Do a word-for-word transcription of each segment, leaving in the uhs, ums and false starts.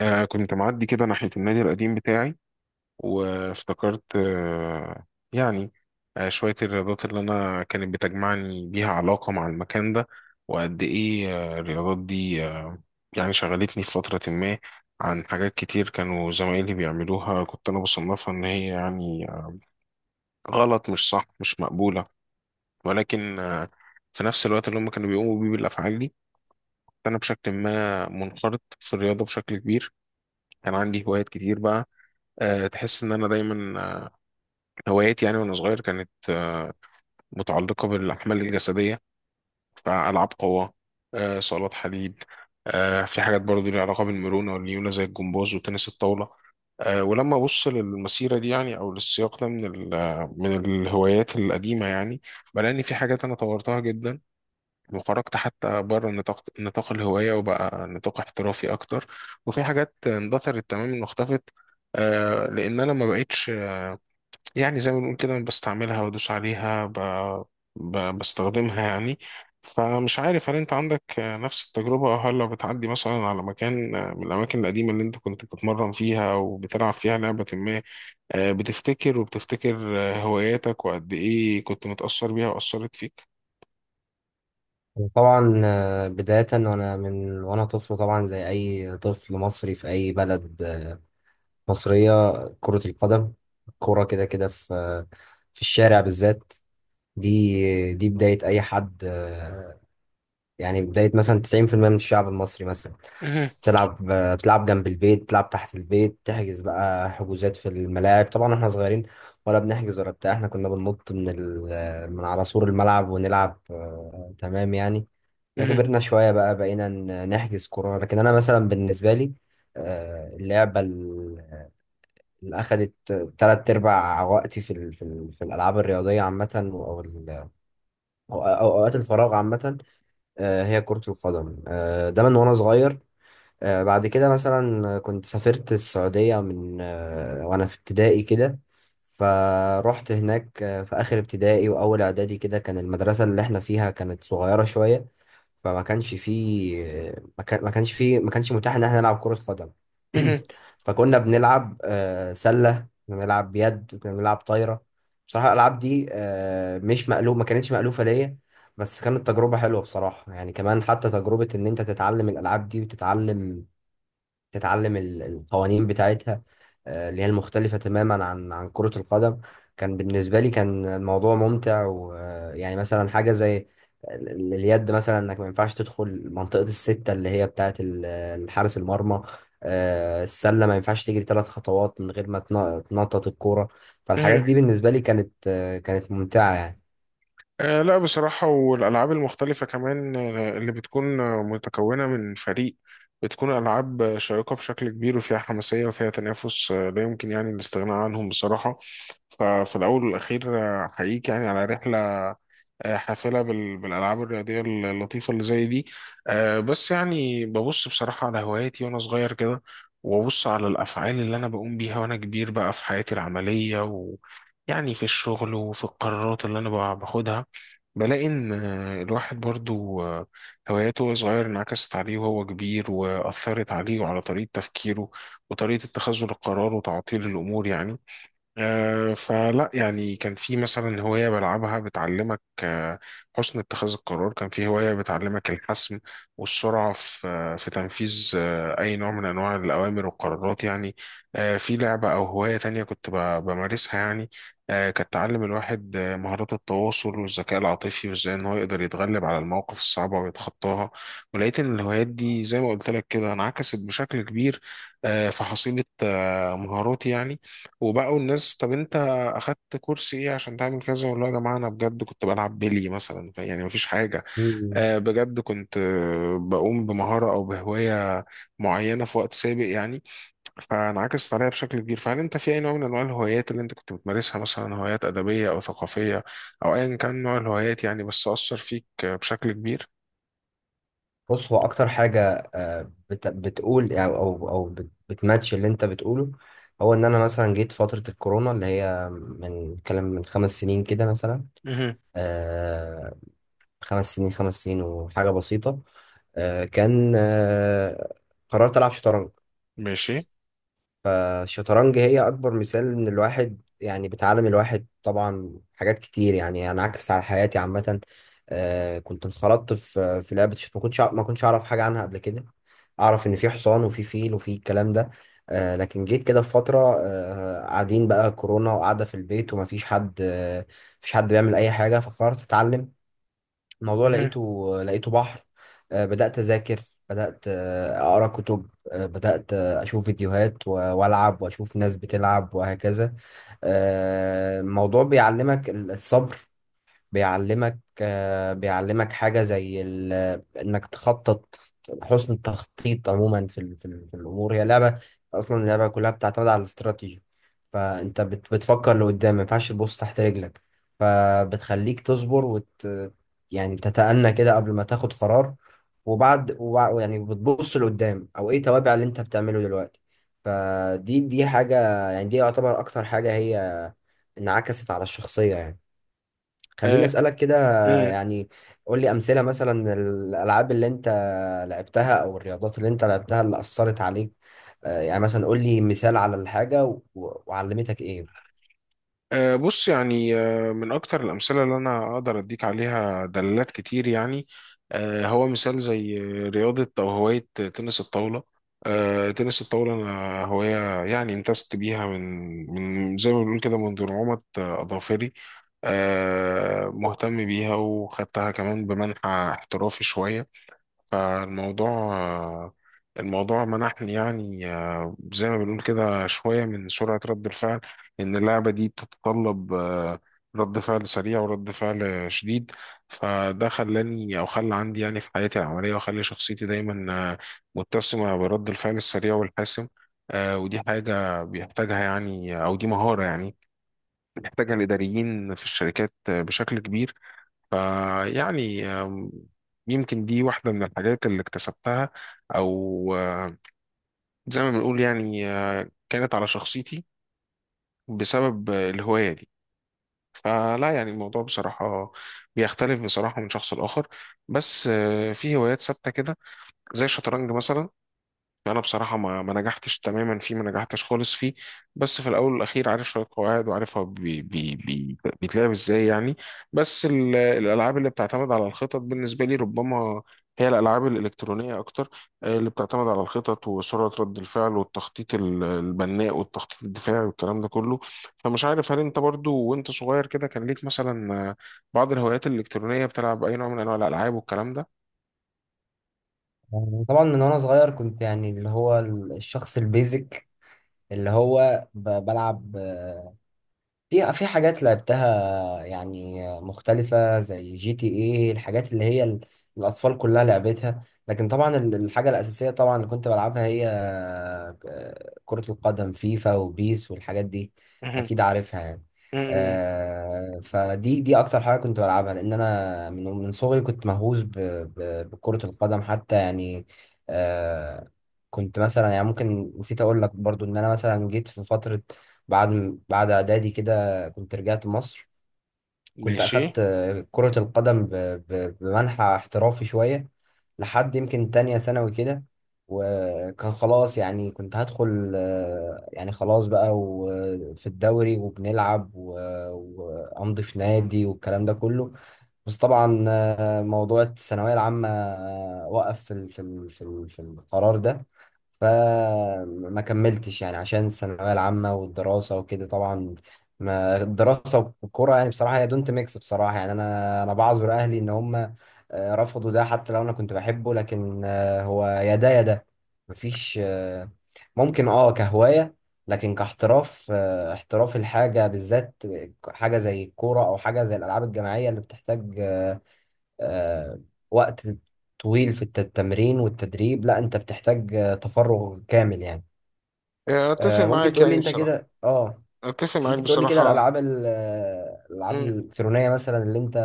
آه كنت معدي كده ناحية النادي القديم بتاعي، وافتكرت آه يعني آه شوية الرياضات اللي أنا كانت بتجمعني بيها علاقة مع المكان ده، وقد إيه آه الرياضات دي آه يعني شغلتني في فترة ما عن حاجات كتير كانوا زمايلي بيعملوها، كنت أنا بصنفها إن هي يعني غلط، مش صح، مش مقبولة. ولكن آه في نفس الوقت اللي هم كانوا بيقوموا بيه بالأفعال دي، أنا بشكل ما منخرط في الرياضة بشكل كبير. كان عندي هوايات كتير بقى. آه، تحس ان انا دايما آه، هواياتي يعني وانا صغير كانت آه، متعلقه بالاحمال الجسديه، فالعاب قوه، آه، صالات حديد. آه، في حاجات برضو ليها علاقه بالمرونه والليونه زي الجمباز وتنس الطاوله. آه، ولما ابص للمسيره دي يعني او للسياق ده من ال- آه، من الهوايات القديمه يعني، بلاقي ان في حاجات انا طورتها جدا وخرجت حتى بره نطاق نطاق الهوايه وبقى نطاق احترافي اكتر، وفي حاجات اندثرت تماما واختفت. آه، لان انا ما بقتش يعني زي ما بنقول كده بستعملها، بدوس عليها، ب... ب... بستخدمها يعني. فمش عارف هل انت عندك آه، نفس التجربة، او هل لو بتعدي مثلا على مكان آه، من الأماكن القديمة اللي انت كنت بتتمرن فيها وبتلعب فيها لعبة ما، آه، بتفتكر وبتفتكر آه، هواياتك وقد ايه كنت متأثر بيها وأثرت فيك؟ طبعا، آه، بداية وأنا من وأنا طفل، طبعا زي أي طفل مصري في أي بلد آه، مصرية. كرة القدم. كرة كده كده، في آه، في الشارع بالذات. دي دي بداية أي حد. آه، يعني بداية مثلا تسعين في المية من الشعب المصري مثلا مهم. بتلعب. آه، بتلعب جنب البيت، بتلعب تحت البيت، تحجز بقى حجوزات في الملاعب. طبعا احنا صغيرين، ولا بنحجز ولا بتاع، احنا كنا بننط من ال... من على سور الملعب ونلعب. آه، تمام يعني. مهم. كبرنا شوية بقى، بقينا ن- نحجز كورة، لكن أنا مثلا بالنسبة لي، آه، اللعبة ال- اللي أخدت تلات أرباع وقتي في ال- في ال- في الألعاب الرياضية عامة، أو ال- أو أو أوقات الفراغ عامة، آه، هي كرة القدم. آه، ده من وأنا صغير. آه، بعد كده مثلا كنت سافرت السعودية، من آه، وأنا في ابتدائي كده. فروحت هناك آه، في آخر ابتدائي وأول إعدادي كده. كان المدرسة اللي إحنا فيها كانت صغيرة شوية، فما كانش فيه، آه، ما كان- ما كانش فيه، ما كانش متاح إن إحنا نلعب كرة قدم. فكنا بنلعب آه، سلة، كنا بنلعب يد، كنا بنلعب طايرة. بصراحة الألعاب دي آه، مش مألوف، ما كانتش مألوفة ليا، بس كانت تجربة حلوة بصراحة. يعني كمان حتى تجربة إن أنت تتعلم الألعاب دي وتتعلم، تتعلم ال- القوانين بتاعتها، آه، اللي هي المختلفة تماما عن عن كرة القدم. كان بالنسبة لي كان الموضوع ممتع. ويعني مثلا حاجة زي ال- ال- اليد، مثلا انك ما ينفعش تدخل منطقة الستة اللي هي بتاعة ال- الحارس المرمى. آه، السلة ما ينفعش تجري ثلاث خطوات من غير ما تن- تنطط الكورة. فالحاجات مهم. دي بالنسبة لي كانت، آه، كانت ممتعة آه لا بصراحة، والألعاب المختلفة كمان آه، اللي بتكون آه، متكونة من فريق بتكون ألعاب آه، شيقة بشكل كبير وفيها حماسية وفيها تنافس آه، لا يمكن يعني الاستغناء عنهم بصراحة. ففي الأول والأخير آه، أحييك يعني على رحلة آه، حافلة بال- بالألعاب الرياضية اللطيفة اللي زي دي. آه، بس يعني ببص بصراحة على هواياتي وأنا صغير كده، وأبص على الأفعال اللي أنا بقوم بيها وأنا كبير بقى في حياتي العملية، ويعني في الشغل وفي القرارات اللي أنا بع- باخدها. بلاقي إن آه، الواحد برضو آه، هواياته وهو صغير انعكست عليه وهو كبير، وأثرت عليه وعلى طريقة تفكيره وطريقة اتخاذه للقرار وتعطيل الأمور يعني. آه، فلا يعني كان في مثلا هواية بلعبها بتعلمك آه، حسن اتخاذ القرار، كان في هواية بتعلمك الحسم والسرعة في آه، في تنفيذ آه، أي نوع من أنواع الأوامر والقرارات يعني. آه، في لعبة أو هواية تانية كنت ب- بمارسها يعني آه، كانت تعلم الواحد آه، مهارات التواصل والذكاء العاطفي، وإزاي إن هو يقدر يتغلب على المواقف الصعبة ويتخطاها. ولقيت إن الهوايات دي زي ما قلت لك كده انعكست بشكل كبير آه، في حصيلة آه، مهاراتي يعني. وبقوا الناس، طب انت اخدت كورس ايه عشان تعمل كذا؟ والله يا جماعه، انا بجد كنت بلعب بيلي مثلا، ف- يعني مفيش حاجه يعني. آه بجد كنت آه، بقوم بمهاره او بهوايه معينه في وقت سابق يعني، فانعكست عليا بشكل كبير. فهل انت في اي نوع من انواع الهوايات اللي انت كنت بتمارسها، مثلا هوايات ادبيه او ثقافيه او ايا كان نوع الهوايات يعني، بس اثر فيك آه، بشكل كبير؟ بص، هو اكتر حاجه آه، بت- بتقول، او او او بت- بتماتش اللي انت بتقوله، هو ان انا مثلا جيت فتره الكورونا اللي هي من كلام من خمس سنين كده مثلا. مهم. آه، خمس سنين، خمس سنين وحاجه بسيطه. آه، كان آه، قررت العب شطرنج. ماشي فالشطرنج هي أكبر مثال إن الواحد، يعني بتعلم الواحد طبعا حاجات كتير، يعني أنا عكس على حياتي عامة. آه، كنت انخرطت في في لعبة الشط، ما كنتش أع- ما كنتش أعرف حاجة عنها قبل كده. أعرف إن في حصان وفي فيل وفي الكلام ده. آه، لكن جيت كده في فترة، آه، قاعدين بقى كورونا وقاعدة في البيت، ومفيش حد، آه، مفيش حد بيعمل أي حاجة، فقررت أتعلم الموضوع. مهم. لقيته لقيته بحر. آه، بدأت أذاكر، بدأت آه، أقرأ كتب، آه، بدأت آه، أشوف فيديوهات و- وألعب وأشوف ناس بتلعب وهكذا. آه، الموضوع بيعلمك ال- الصبر، بيعلمك، آه، بيعلمك حاجة زي ال- إنك تخطط. حسن التخطيط عموما في ال- في ال- في الأمور، هي لعبة أصلا، اللعبة كلها بتعتمد على الاستراتيجي. فأنت بت- بتفكر لقدام، ما ينفعش تبص تحت رجلك. فبتخليك تصبر وت يعني تتأنى كده قبل ما تاخد قرار، وبعد وبع- يعني بتبص لقدام، أو إيه توابع اللي أنت بتعمله دلوقتي. فدي دي حاجة، يعني دي يعتبر أكتر حاجة هي انعكست على الشخصية يعني. خليني أسألك كده، آه. يعني قول لي أمثلة، مثلا الألعاب اللي أنت لعبتها أو الرياضات اللي أنت لعبتها اللي أثرت عليك. آه، يعني مثلا قول لي مثال على الحاجة و- وعلمتك إيه. أه، بص يعني أه، من أكتر الأمثلة اللي أنا أقدر أديك عليها دلالات كتير يعني، أه، هو مثال زي رياضة أو هواية تنس الطاولة. أه، تنس الطاولة أنا هواية يعني امتزجت بيها من من زي ما بنقول كده منذ نعومة أظافري، أه، مهتم بيها وخدتها كمان بمنحى احترافي شوية. فالموضوع آه، الموضوع منحني يعني آه، زي ما بنقول كده شوية من سرعة رد الفعل. إن اللعبة دي بتتطلب آه، رد فعل سريع ورد فعل آه، شديد. فده خلاني أو خلى عندي يعني في حياتي العملية، وخلى شخصيتي دايما آه، متسمة برد الفعل السريع والحاسم. آه، ودي حاجة بيحتاجها يعني، أو دي مهارة يعني بيحتاجها الإداريين في الشركات آه، بشكل كبير. فيعني آم، يمكن دي واحدة من الحاجات اللي اكتسبتها، أو آه، زي ما بنقول يعني آه، كانت على شخصيتي بسبب آه، الهواية دي. فلا يعني الموضوع بصراحة بيختلف بصراحة من شخص لآخر. بس آه، في هوايات ثابتة كده زي الشطرنج مثلا، انا بصراحه ما ما نجحتش تماما فيه، ما نجحتش خالص فيه. بس في الاول والاخير عارف شويه قواعد، وعارف هو بي بي بي بيتلعب ازاي يعني. بس ال- الالعاب اللي بتعتمد على الخطط بالنسبه لي ربما هي الالعاب الالكترونيه اكتر. آه، اللي بتعتمد على الخطط وسرعه رد الفعل، والتخطيط ال- البناء والتخطيط الدفاعي والكلام ده كله. فمش عارف هل انت برضو وانت صغير كده كان ليك مثلا آه، بعض الهوايات الالكترونيه؟ بتلعب اي نوع من انواع الالعاب والكلام ده؟ يعني طبعا من وأنا صغير كنت، يعني اللي هو الشخص البيزك اللي هو ب- بلعب، آه، في في حاجات لعبتها يعني مختلفة زي جي تي ايه، الحاجات اللي هي ال- الأطفال كلها لعبتها. لكن طبعا ال- الحاجة الأساسية طبعا اللي كنت بلعبها هي آه، كرة القدم، فيفا وبيس والحاجات دي، مهم. أكيد عارفها يعني. مهم. آه، فدي دي أكتر حاجة كنت بلعبها، لأن أنا من من صغري كنت مهووس ب- ب- بكرة القدم حتى يعني. آه، كنت مثلا، يعني ممكن نسيت أقول لك برضو إن أنا مثلا جيت في فترة بعد بعد إعدادي كده كنت رجعت مصر. كنت ماشي أخدت آه، كرة القدم ب- ب- بمنحى احترافي شوية، لحد يمكن تانية ثانوي كده. وكان خلاص، يعني كنت هدخل، آه، يعني خلاص بقى، وفي الدوري وبنلعب و- وأمضي في نادي والكلام ده كله. بس طبعا آه، موضوع الثانوية العامة آه، وقف في ال- في ال- في ال- في القرار ده. فما كملتش، يعني عشان الثانوية العامة والدراسة وكده طبعا. ما الدراسة والكورة يعني بصراحة هي دونت ميكس بصراحة. يعني أنا أنا بعذر أهلي إن هم، آه، رفضوا ده، حتى لو أنا كنت بحبه، لكن آه، هو يا ده يا ده، مفيش آه، ممكن أه كهواية، لكن كاحتراف، آه، احتراف الحاجة بالذات، حاجة زي الكورة أو حاجة زي الألعاب الجماعية اللي بتحتاج، آه، آه، وقت طويل في الت- التمرين والتدريب، لا انت بتحتاج آه، تفرغ كامل يعني. يعني اتفق آه، ممكن معاك تقول لي يعني انت بصراحه. كده؟ اه اتفق معاك ممكن تقول لي كده، بصراحه. الالعاب ال- آه، الالعاب مم. الالكترونيه مثلا اللي انت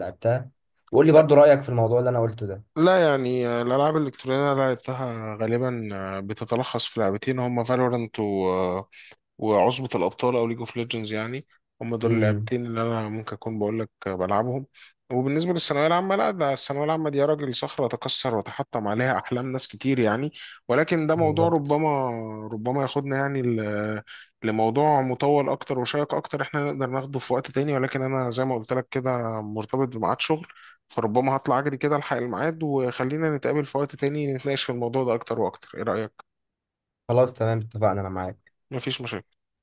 لعبتها، وقول لي برضو رايك في الموضوع اللي انا قلته ده. لا يعني آه، الالعاب الالكترونيه اللي لعبتها غالبا آه، بتتلخص في لعبتين، هما فالورنت وعصبة الأبطال أو ليج أوف ليجندز يعني. هم دول امم. اللعبتين اللي أنا ممكن أكون بقول لك بلعبهم. وبالنسبة للثانوية العامة، لا، ده الثانوية العامة دي يا راجل صخرة تكسر وتحطم عليها أحلام ناس كتير يعني. ولكن ده موضوع بالظبط. ربما، ربما ياخدنا يعني ل- لموضوع مطول أكتر وشيق أكتر، إحنا نقدر ناخده في وقت تاني. ولكن أنا زي ما قلت لك كده مرتبط بميعاد شغل، فربما هطلع أجري كده ألحق الميعاد، وخلينا نتقابل في وقت تاني نتناقش في الموضوع ده أكتر وأكتر. إيه رأيك؟ خلاص تمام، اتفقنا، انا معاك. مفيش مشاكل.